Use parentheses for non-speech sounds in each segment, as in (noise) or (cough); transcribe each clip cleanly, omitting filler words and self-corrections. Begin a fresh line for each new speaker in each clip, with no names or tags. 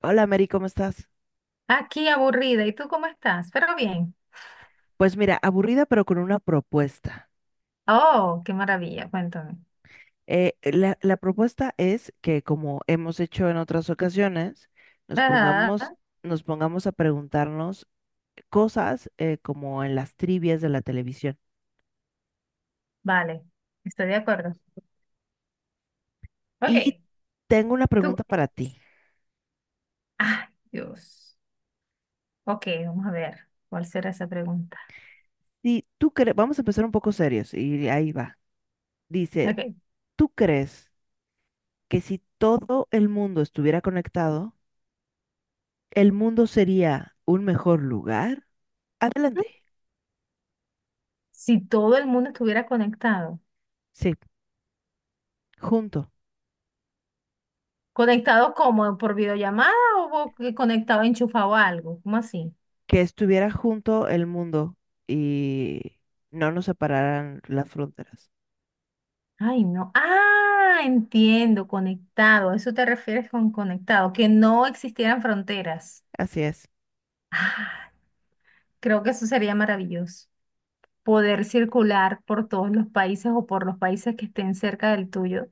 Hola Mary, ¿cómo estás?
Aquí aburrida. ¿Y tú cómo estás? Pero bien.
Pues mira, aburrida pero con una propuesta.
Oh, qué maravilla. Cuéntame.
La propuesta es que como hemos hecho en otras ocasiones, nos
Ajá.
pongamos, nos pongamos a preguntarnos cosas como en las trivias de la televisión.
Vale. Estoy de acuerdo.
Y
Ok.
tengo una
Tú.
pregunta para ti.
Ay, Dios. Ok, vamos a ver. ¿Cuál será esa pregunta?
Si tú crees, vamos a empezar un poco serios y ahí va. Dice,
Ok.
¿tú crees que si todo el mundo estuviera conectado, el mundo sería un mejor lugar? Adelante.
Si todo el mundo estuviera conectado.
Sí, junto.
¿Conectado como? ¿Por videollamada o por- conectado enchufado a algo? ¿Cómo así?
Que estuviera junto el mundo y no nos separaran las fronteras.
Ay, no. Ah, entiendo. Conectado. ¿A eso te refieres con conectado? Que no existieran fronteras.
Así es.
Ah, creo que eso sería maravilloso. Poder circular por todos los países o por los países que estén cerca del tuyo,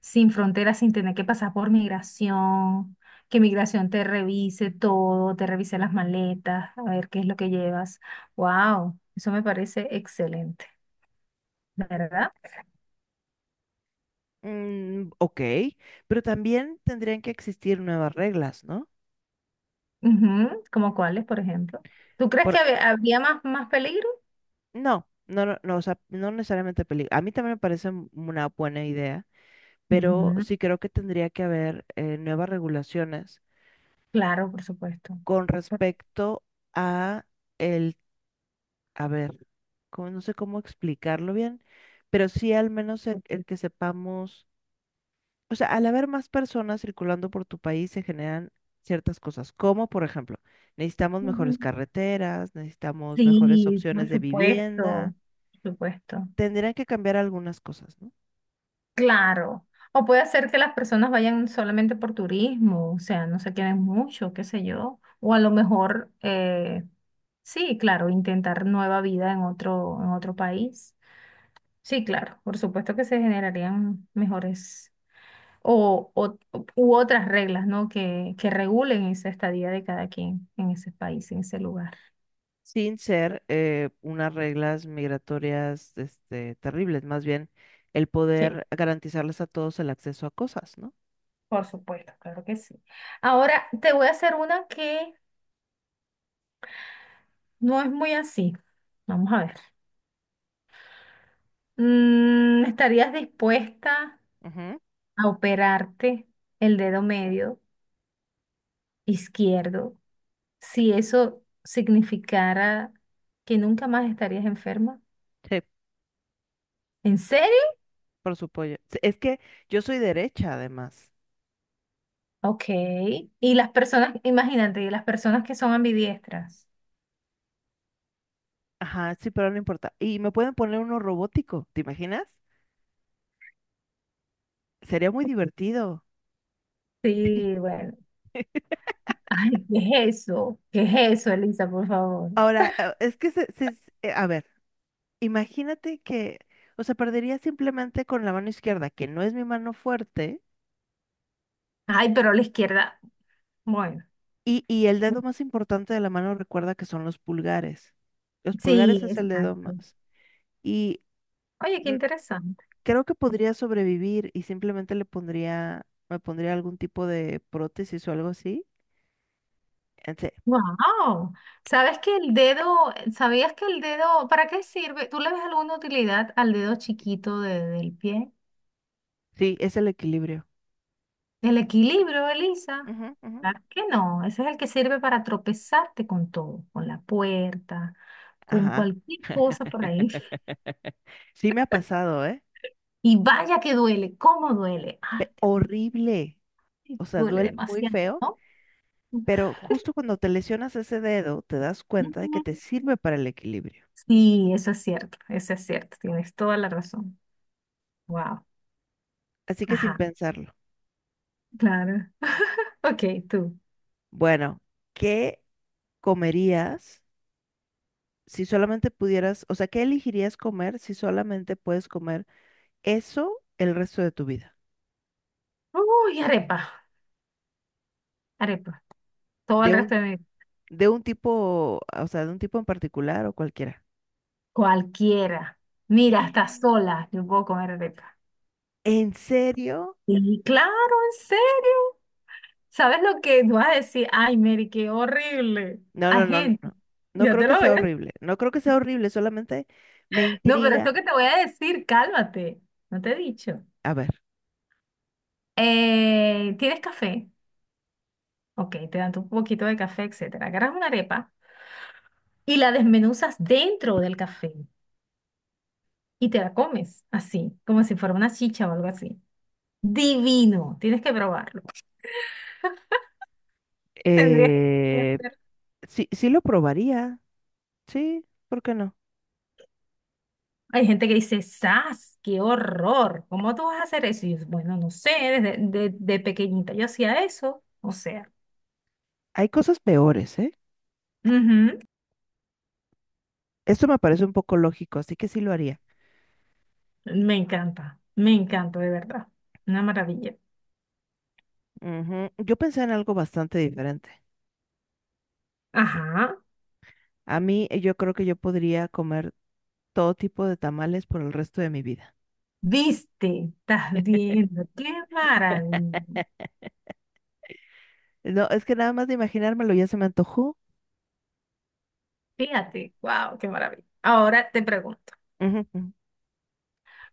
sin fronteras, sin tener que pasar por migración, que migración te revise todo, te revise las maletas, a ver qué es lo que llevas. Wow, eso me parece excelente, ¿verdad?
Mm, ok, pero también tendrían que existir nuevas reglas, ¿no?
Ujú, como cuáles, por ejemplo. ¿Tú crees que
Por,
habría más peligro?
no, no, no, no, o sea, no necesariamente película. A mí también me parece una buena idea, pero
Ujú,
sí creo que tendría que haber nuevas regulaciones
claro, por supuesto.
con
Por-
respecto a el, a ver, no sé cómo explicarlo bien, pero sí al menos el que sepamos. O sea, al haber más personas circulando por tu país se generan ciertas cosas, como por ejemplo, necesitamos mejores
ujú.
carreteras, necesitamos mejores
Sí,
opciones
por
de vivienda,
supuesto, por supuesto.
tendrían que cambiar algunas cosas, ¿no?
Claro. O puede ser que las personas vayan solamente por turismo, o sea, no se queden mucho, qué sé yo. O a lo mejor, sí, claro, intentar nueva vida en otro país. Sí, claro, por supuesto que se generarían mejores o, u otras reglas, ¿no? Que regulen esa estadía de cada quien en ese país, en ese lugar.
Sin ser unas reglas migratorias este, terribles, más bien el
Sí,
poder garantizarles a todos el acceso a cosas, ¿no?
por supuesto, claro que sí. Ahora te voy a hacer una que no es muy así. Vamos a ver. ¿Estarías dispuesta
Ujú,
a operarte el dedo medio izquierdo si eso significara que nunca más estarías enferma?
sí,
¿En serio?
por supuesto. Sí, es que yo soy derecha, además.
Ok. Y las personas, imagínate, y las personas que son ambidiestras.
Ajá, sí, pero no importa. Y me pueden poner uno robótico, ¿te imaginas? Sería muy (laughs) divertido.
Sí,
(laughs)
bueno. Ay, ¿qué es eso? ¿Qué es eso, Elisa, por favor?
Ahora, es que a ver, imagínate que, o sea, perdería simplemente con la mano izquierda, que no es mi mano fuerte,
Ay, pero la izquierda, bueno.
y el dedo más importante de la mano recuerda que son los pulgares. Los
Sí,
pulgares es el dedo
exacto.
más. Y
Oye, qué
mm,
interesante.
creo que podría sobrevivir y simplemente le pondría, me pondría algún tipo de prótesis o algo así. Ente-
Wow, ¿sabes que el dedo, sabías que el dedo, ¿para qué sirve? ¿Tú le ves alguna utilidad al dedo chiquito del pie?
Sí, es el equilibrio.
El equilibrio, Elisa.
Ujú, ujú.
Claro que no, ese es el que sirve para tropezarte con todo, con la puerta, con
Ajá.
cualquier cosa por ahí.
Sí me ha pasado, ¿eh?
Y vaya que duele, ¿cómo duele?
Pe-
Ay, Dios mío,
horrible. O sea,
duele
duele muy
demasiado,
feo.
¿no?
Pero justo cuando te lesionas ese dedo, te das cuenta de que
Ujú.
te sirve para el equilibrio.
Sí, eso es cierto, tienes toda la razón. Wow,
Así que sin
ajá,
pensarlo.
claro. (laughs) Ok, tú.
Bueno, ¿qué comerías si solamente pudieras, o sea, qué elegirías comer si solamente puedes comer eso el resto de tu vida?
Uy, arepa, arepa. Todo el
De un,
resto de mi...
de un tipo, o sea, de un tipo en particular o cualquiera.
Cualquiera. Mira, hasta
(gasps)
sola yo puedo comer arepa.
¿En serio?
Y claro, en serio. ¿Sabes lo que tú vas a decir? Ay, Mary, qué horrible.
No, no,
Hay
no,
gente.
no. No
Ya
creo
te
que
lo
sea
ves.
horrible. No creo que sea horrible, solamente me
No, pero esto
intriga.
que te voy a decir, cálmate. No te he dicho.
A ver.
¿Tienes café? Ok, te dan tu poquito de café, etcétera. Agarras una arepa y la desmenuzas dentro del café y te la comes así, como si fuera una chicha o algo así. Divino, tienes que probarlo. (laughs) Tendrías que
Eh,
hacer.
Sí, sí lo probaría. Sí, ¿por qué no?
Hay gente que dice, ¡zas! ¡Qué horror! ¿Cómo tú vas a hacer eso? Y yo, bueno, no sé, desde de pequeñita yo hacía eso. O sea,
Hay cosas peores, ¿eh?
ujú,
Esto me parece un poco lógico, así que sí lo haría.
me encanta, me encanta, de verdad. Una maravilla.
Ujú. Yo pensé en algo bastante diferente.
Ajá,
A mí, yo creo que yo podría comer todo tipo de tamales por el resto de mi vida.
viste, estás viendo, qué maravilla.
No, es que nada más de imaginármelo ya se me antojó.
Fíjate, wow, qué maravilla. Ahora te pregunto.
Ujú, ujú.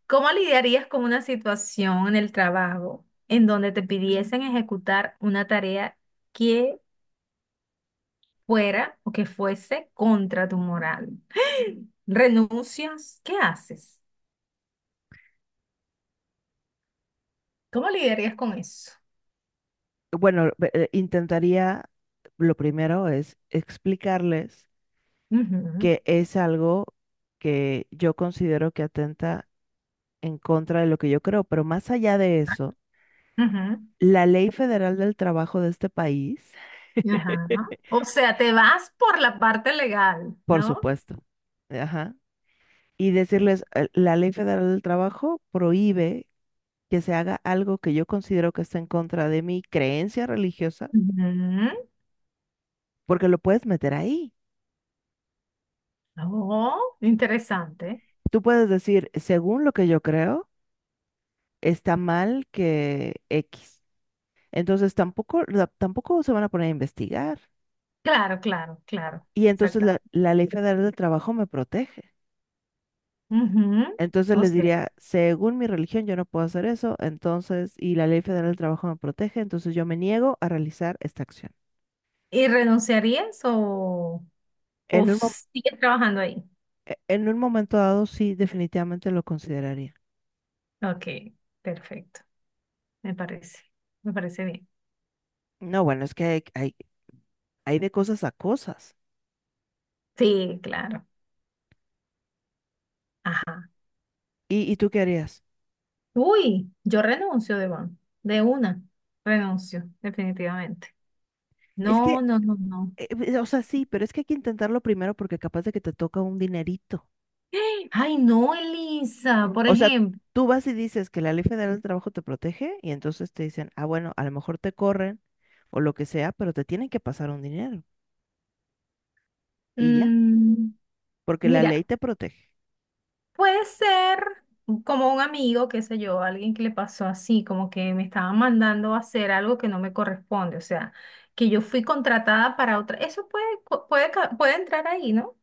¿Cómo lidiarías con una situación en el trabajo en donde te pidiesen ejecutar una tarea que fuera o que fuese contra tu moral? (gasps) ¿Renuncias? ¿Qué haces? ¿Cómo lidiarías con eso?
Bueno, intentaría, lo primero es explicarles
Ujú,
que es algo que yo considero que atenta en contra de lo que yo creo, pero más allá de eso.
ujú,
La ley federal del trabajo de este país,
ajá.
(laughs)
O sea, te vas por la parte legal,
por
¿no?
supuesto, ajá, y decirles, la ley federal del trabajo prohíbe que se haga algo que yo considero que está en contra de mi creencia religiosa,
Ujú.
porque lo puedes meter ahí.
Oh, interesante.
Tú puedes decir, según lo que yo creo, está mal que X. Entonces tampoco, la- tampoco se van a poner a investigar.
Claro, claro, claro.
Y entonces la
Exactamente.
la ley federal del trabajo me protege.
Ujú.
Entonces
O
les
sea,
diría, según mi religión, yo no puedo hacer eso, entonces, y la ley federal del trabajo me protege, entonces yo me niego a realizar esta acción.
¿y renunciarías o...? ¿O
En un, mo-
sigues trabajando ahí?
en un momento dado, sí, definitivamente lo consideraría.
Ok, perfecto. Me parece. Me parece bien.
No, bueno, es que hay de cosas a cosas.
Sí, claro. Ajá.
Y tú qué harías?
Uy, yo renuncio, Devon. De una. Renuncio, definitivamente.
Es
No,
que,
no, no, no.
o sea, sí, pero es que hay que intentarlo primero porque capaz de que te toca un dinerito.
(gasps) Ay, no, Elisa, por
O sea,
ejemplo.
tú vas y dices que la ley federal del trabajo te protege y entonces te dicen, ah, bueno, a lo mejor te corren o lo que sea, pero te tienen que pasar un dinero. Y ya,
Mm,
porque la
Mira.
ley te protege.
Puede ser como un amigo, qué sé yo, alguien que le pasó así, como que me estaban mandando a hacer algo que no me corresponde, o sea, que yo fui contratada para otra. Eso puede, co- puede, ca- puede entrar ahí, ¿no?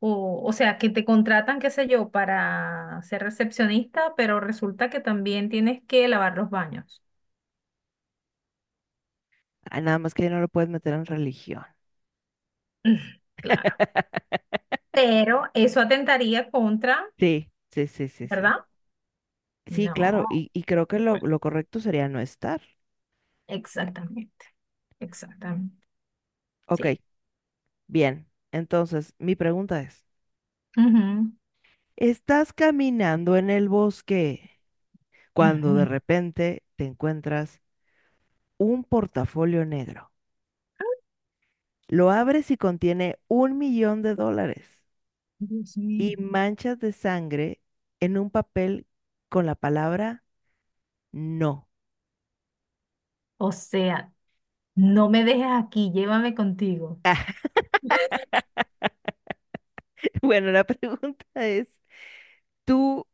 O sea, que te contratan, qué sé yo, para ser recepcionista, pero resulta que también tienes que lavar los baños.
Ah, nada más que ya no lo puedes meter en religión.
Mm, claro.
(laughs)
Pero eso atentaría contra,
Sí, sí, sí, sí, sí.
¿verdad?
Sí,
No.
claro, y creo que
Se puede.
lo correcto sería no estar.
Exactamente, exactamente.
Ok,
Sí.
bien. Entonces, mi pregunta es, ¿estás caminando en el bosque cuando de
Ajá,
repente te encuentras un portafolio negro? Lo abres y contiene 1 millón de dólares
Dios mío.
y manchas de sangre en un papel con la palabra no.
O sea, no me dejes aquí, llévame contigo.
(laughs) Bueno, la pregunta es, ¿tú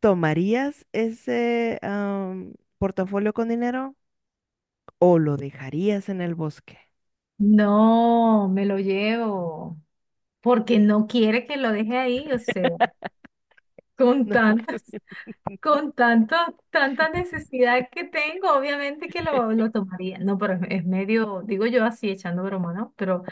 tomarías ese portafolio con dinero o lo dejarías en el bosque?
No, me lo llevo, porque no quiere que lo deje ahí, o sea, con
No,
tantas, con tanto, tanta necesidad que tengo, obviamente que lo,
(laughs)
lo tomaría. No, pero es medio, digo yo así, echando broma, ¿no? Pero,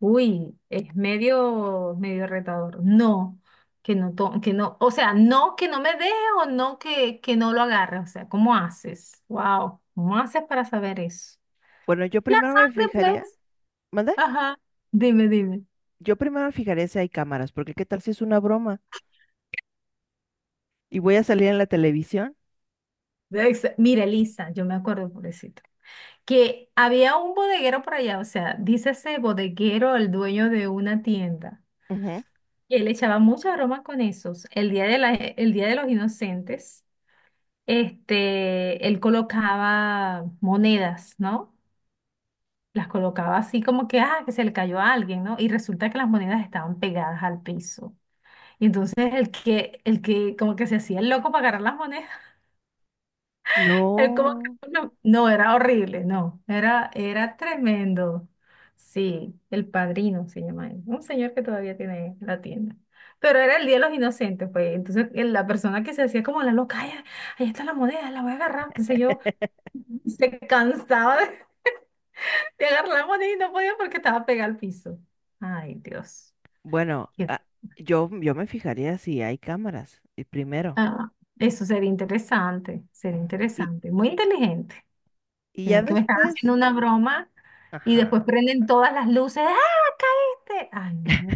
uy, es medio, medio retador. No, que no, que no, o sea, no que no me deje o no que no lo agarre. O sea, ¿cómo haces? Wow, ¿cómo haces para saber eso?
bueno, yo
La
primero me
sangre,
fijaría,
pues.
¿mande?
Ajá. Dime, dime.
Yo primero me fijaría si hay cámaras, porque qué tal si es una broma y voy a salir en la televisión.
Mira, Elisa, yo me acuerdo, pobrecito, que había un bodeguero por allá, o sea, dice ese bodeguero, el dueño de una tienda.
Ujú.
Y él echaba mucha broma con esos. El día de los inocentes. Él colocaba monedas, ¿no? Las colocaba así como que, ah, que se le cayó a alguien, ¿no? Y resulta que las monedas estaban pegadas al piso. Y entonces el que como que se hacía el loco para agarrar las monedas, (laughs) él como
No,
que, no, no, era horrible, no, era tremendo. Sí, El Padrino se llama él, un señor que todavía tiene la tienda. Pero era el Día de los Inocentes, pues. Entonces, la persona que se hacía como la loca, "Ay, ahí está la moneda, la voy a agarrar, qué sé yo. Se cansaba de (laughs) de agarrar la moneda y no podía porque estaba pegada al piso. Ay, Dios.
bueno,
Qué-
ah, yo me fijaría si hay cámaras, y primero.
Ah, eso sería interesante, sería
Ujú. Y,
interesante. Muy inteligente.
y
Si no
ya
es que me están
después,
haciendo una broma y
ajá.
después prenden todas las luces. ¡Ah, caíste! Ay, no.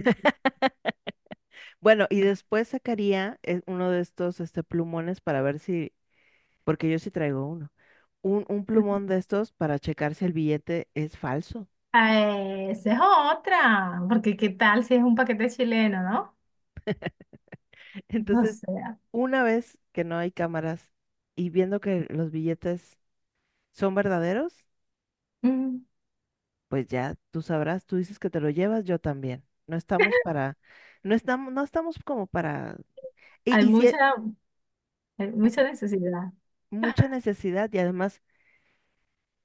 Bueno, y después sacaría uno de estos este, plumones para ver si, porque yo sí traigo uno, un plumón de estos para checar si el billete es falso.
Ah, esa es otra. Porque qué tal si es un paquete chileno, ¿no?
(laughs)
O
Entonces,
sea,
una vez que no hay cámaras y viendo que los billetes son verdaderos,
mm,
pues ya tú sabrás, tú dices que te lo llevas, yo también. No estamos para,
(laughs)
no estamos, no estamos como para,
hay
y si es
mucha, hay mucha necesidad.
mucha necesidad y además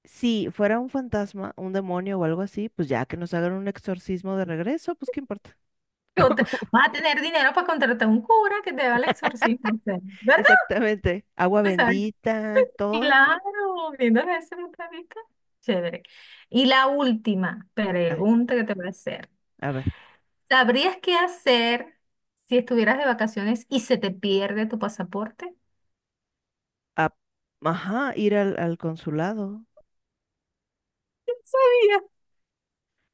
si fuera un fantasma, un demonio o algo así, pues ya que nos hagan un exorcismo de regreso, pues qué importa.
Contra- Vas a tener dinero para contratar un cura que te haga el exorcismo, o sea,
(laughs)
¿verdad?
Exactamente. Agua
Exacto.
bendita y todo.
Claro, viéndolo desde ese punto de vista, chévere. Y la última
Ay,
pregunta que te voy a hacer.
a ver.
¿Sabrías qué hacer si estuvieras de vacaciones y se te pierde tu pasaporte?
a- ajá, ir al, al consulado.
Mira,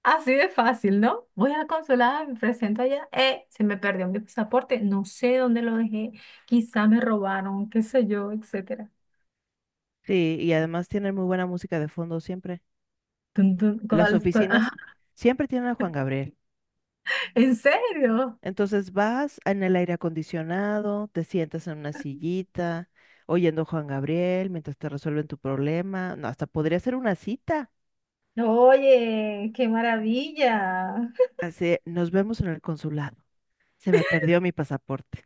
así de fácil, ¿no? Voy a la consulada, me presento allá, se me perdió mi pasaporte, no sé dónde lo dejé, quizá me robaron, qué sé yo, etcétera.
Sí, y además tienen muy buena música de fondo siempre.
Tun, tun,
Las
cuál? Ajá,
oficinas siempre tienen a Juan Gabriel.
¿en serio?
Entonces vas en el aire acondicionado, te sientas en una sillita, oyendo a Juan Gabriel mientras te resuelven tu problema. No, hasta podría ser una cita.
Oye, qué maravilla.
Así, nos vemos en el consulado. Se me perdió mi pasaporte.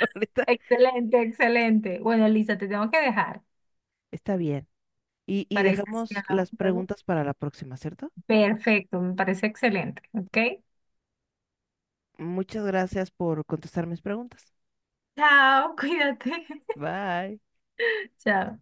(laughs) Ahorita
Excelente, excelente. Bueno, Lisa, te tengo que dejar.
está bien. Y
Parece que
dejamos
hablamos
las
luego.
preguntas para la próxima, ¿cierto?
Perfecto, me parece excelente. ¿Ok?
Muchas gracias por contestar mis preguntas.
Chao, cuídate. (laughs)
Bye.
Chao.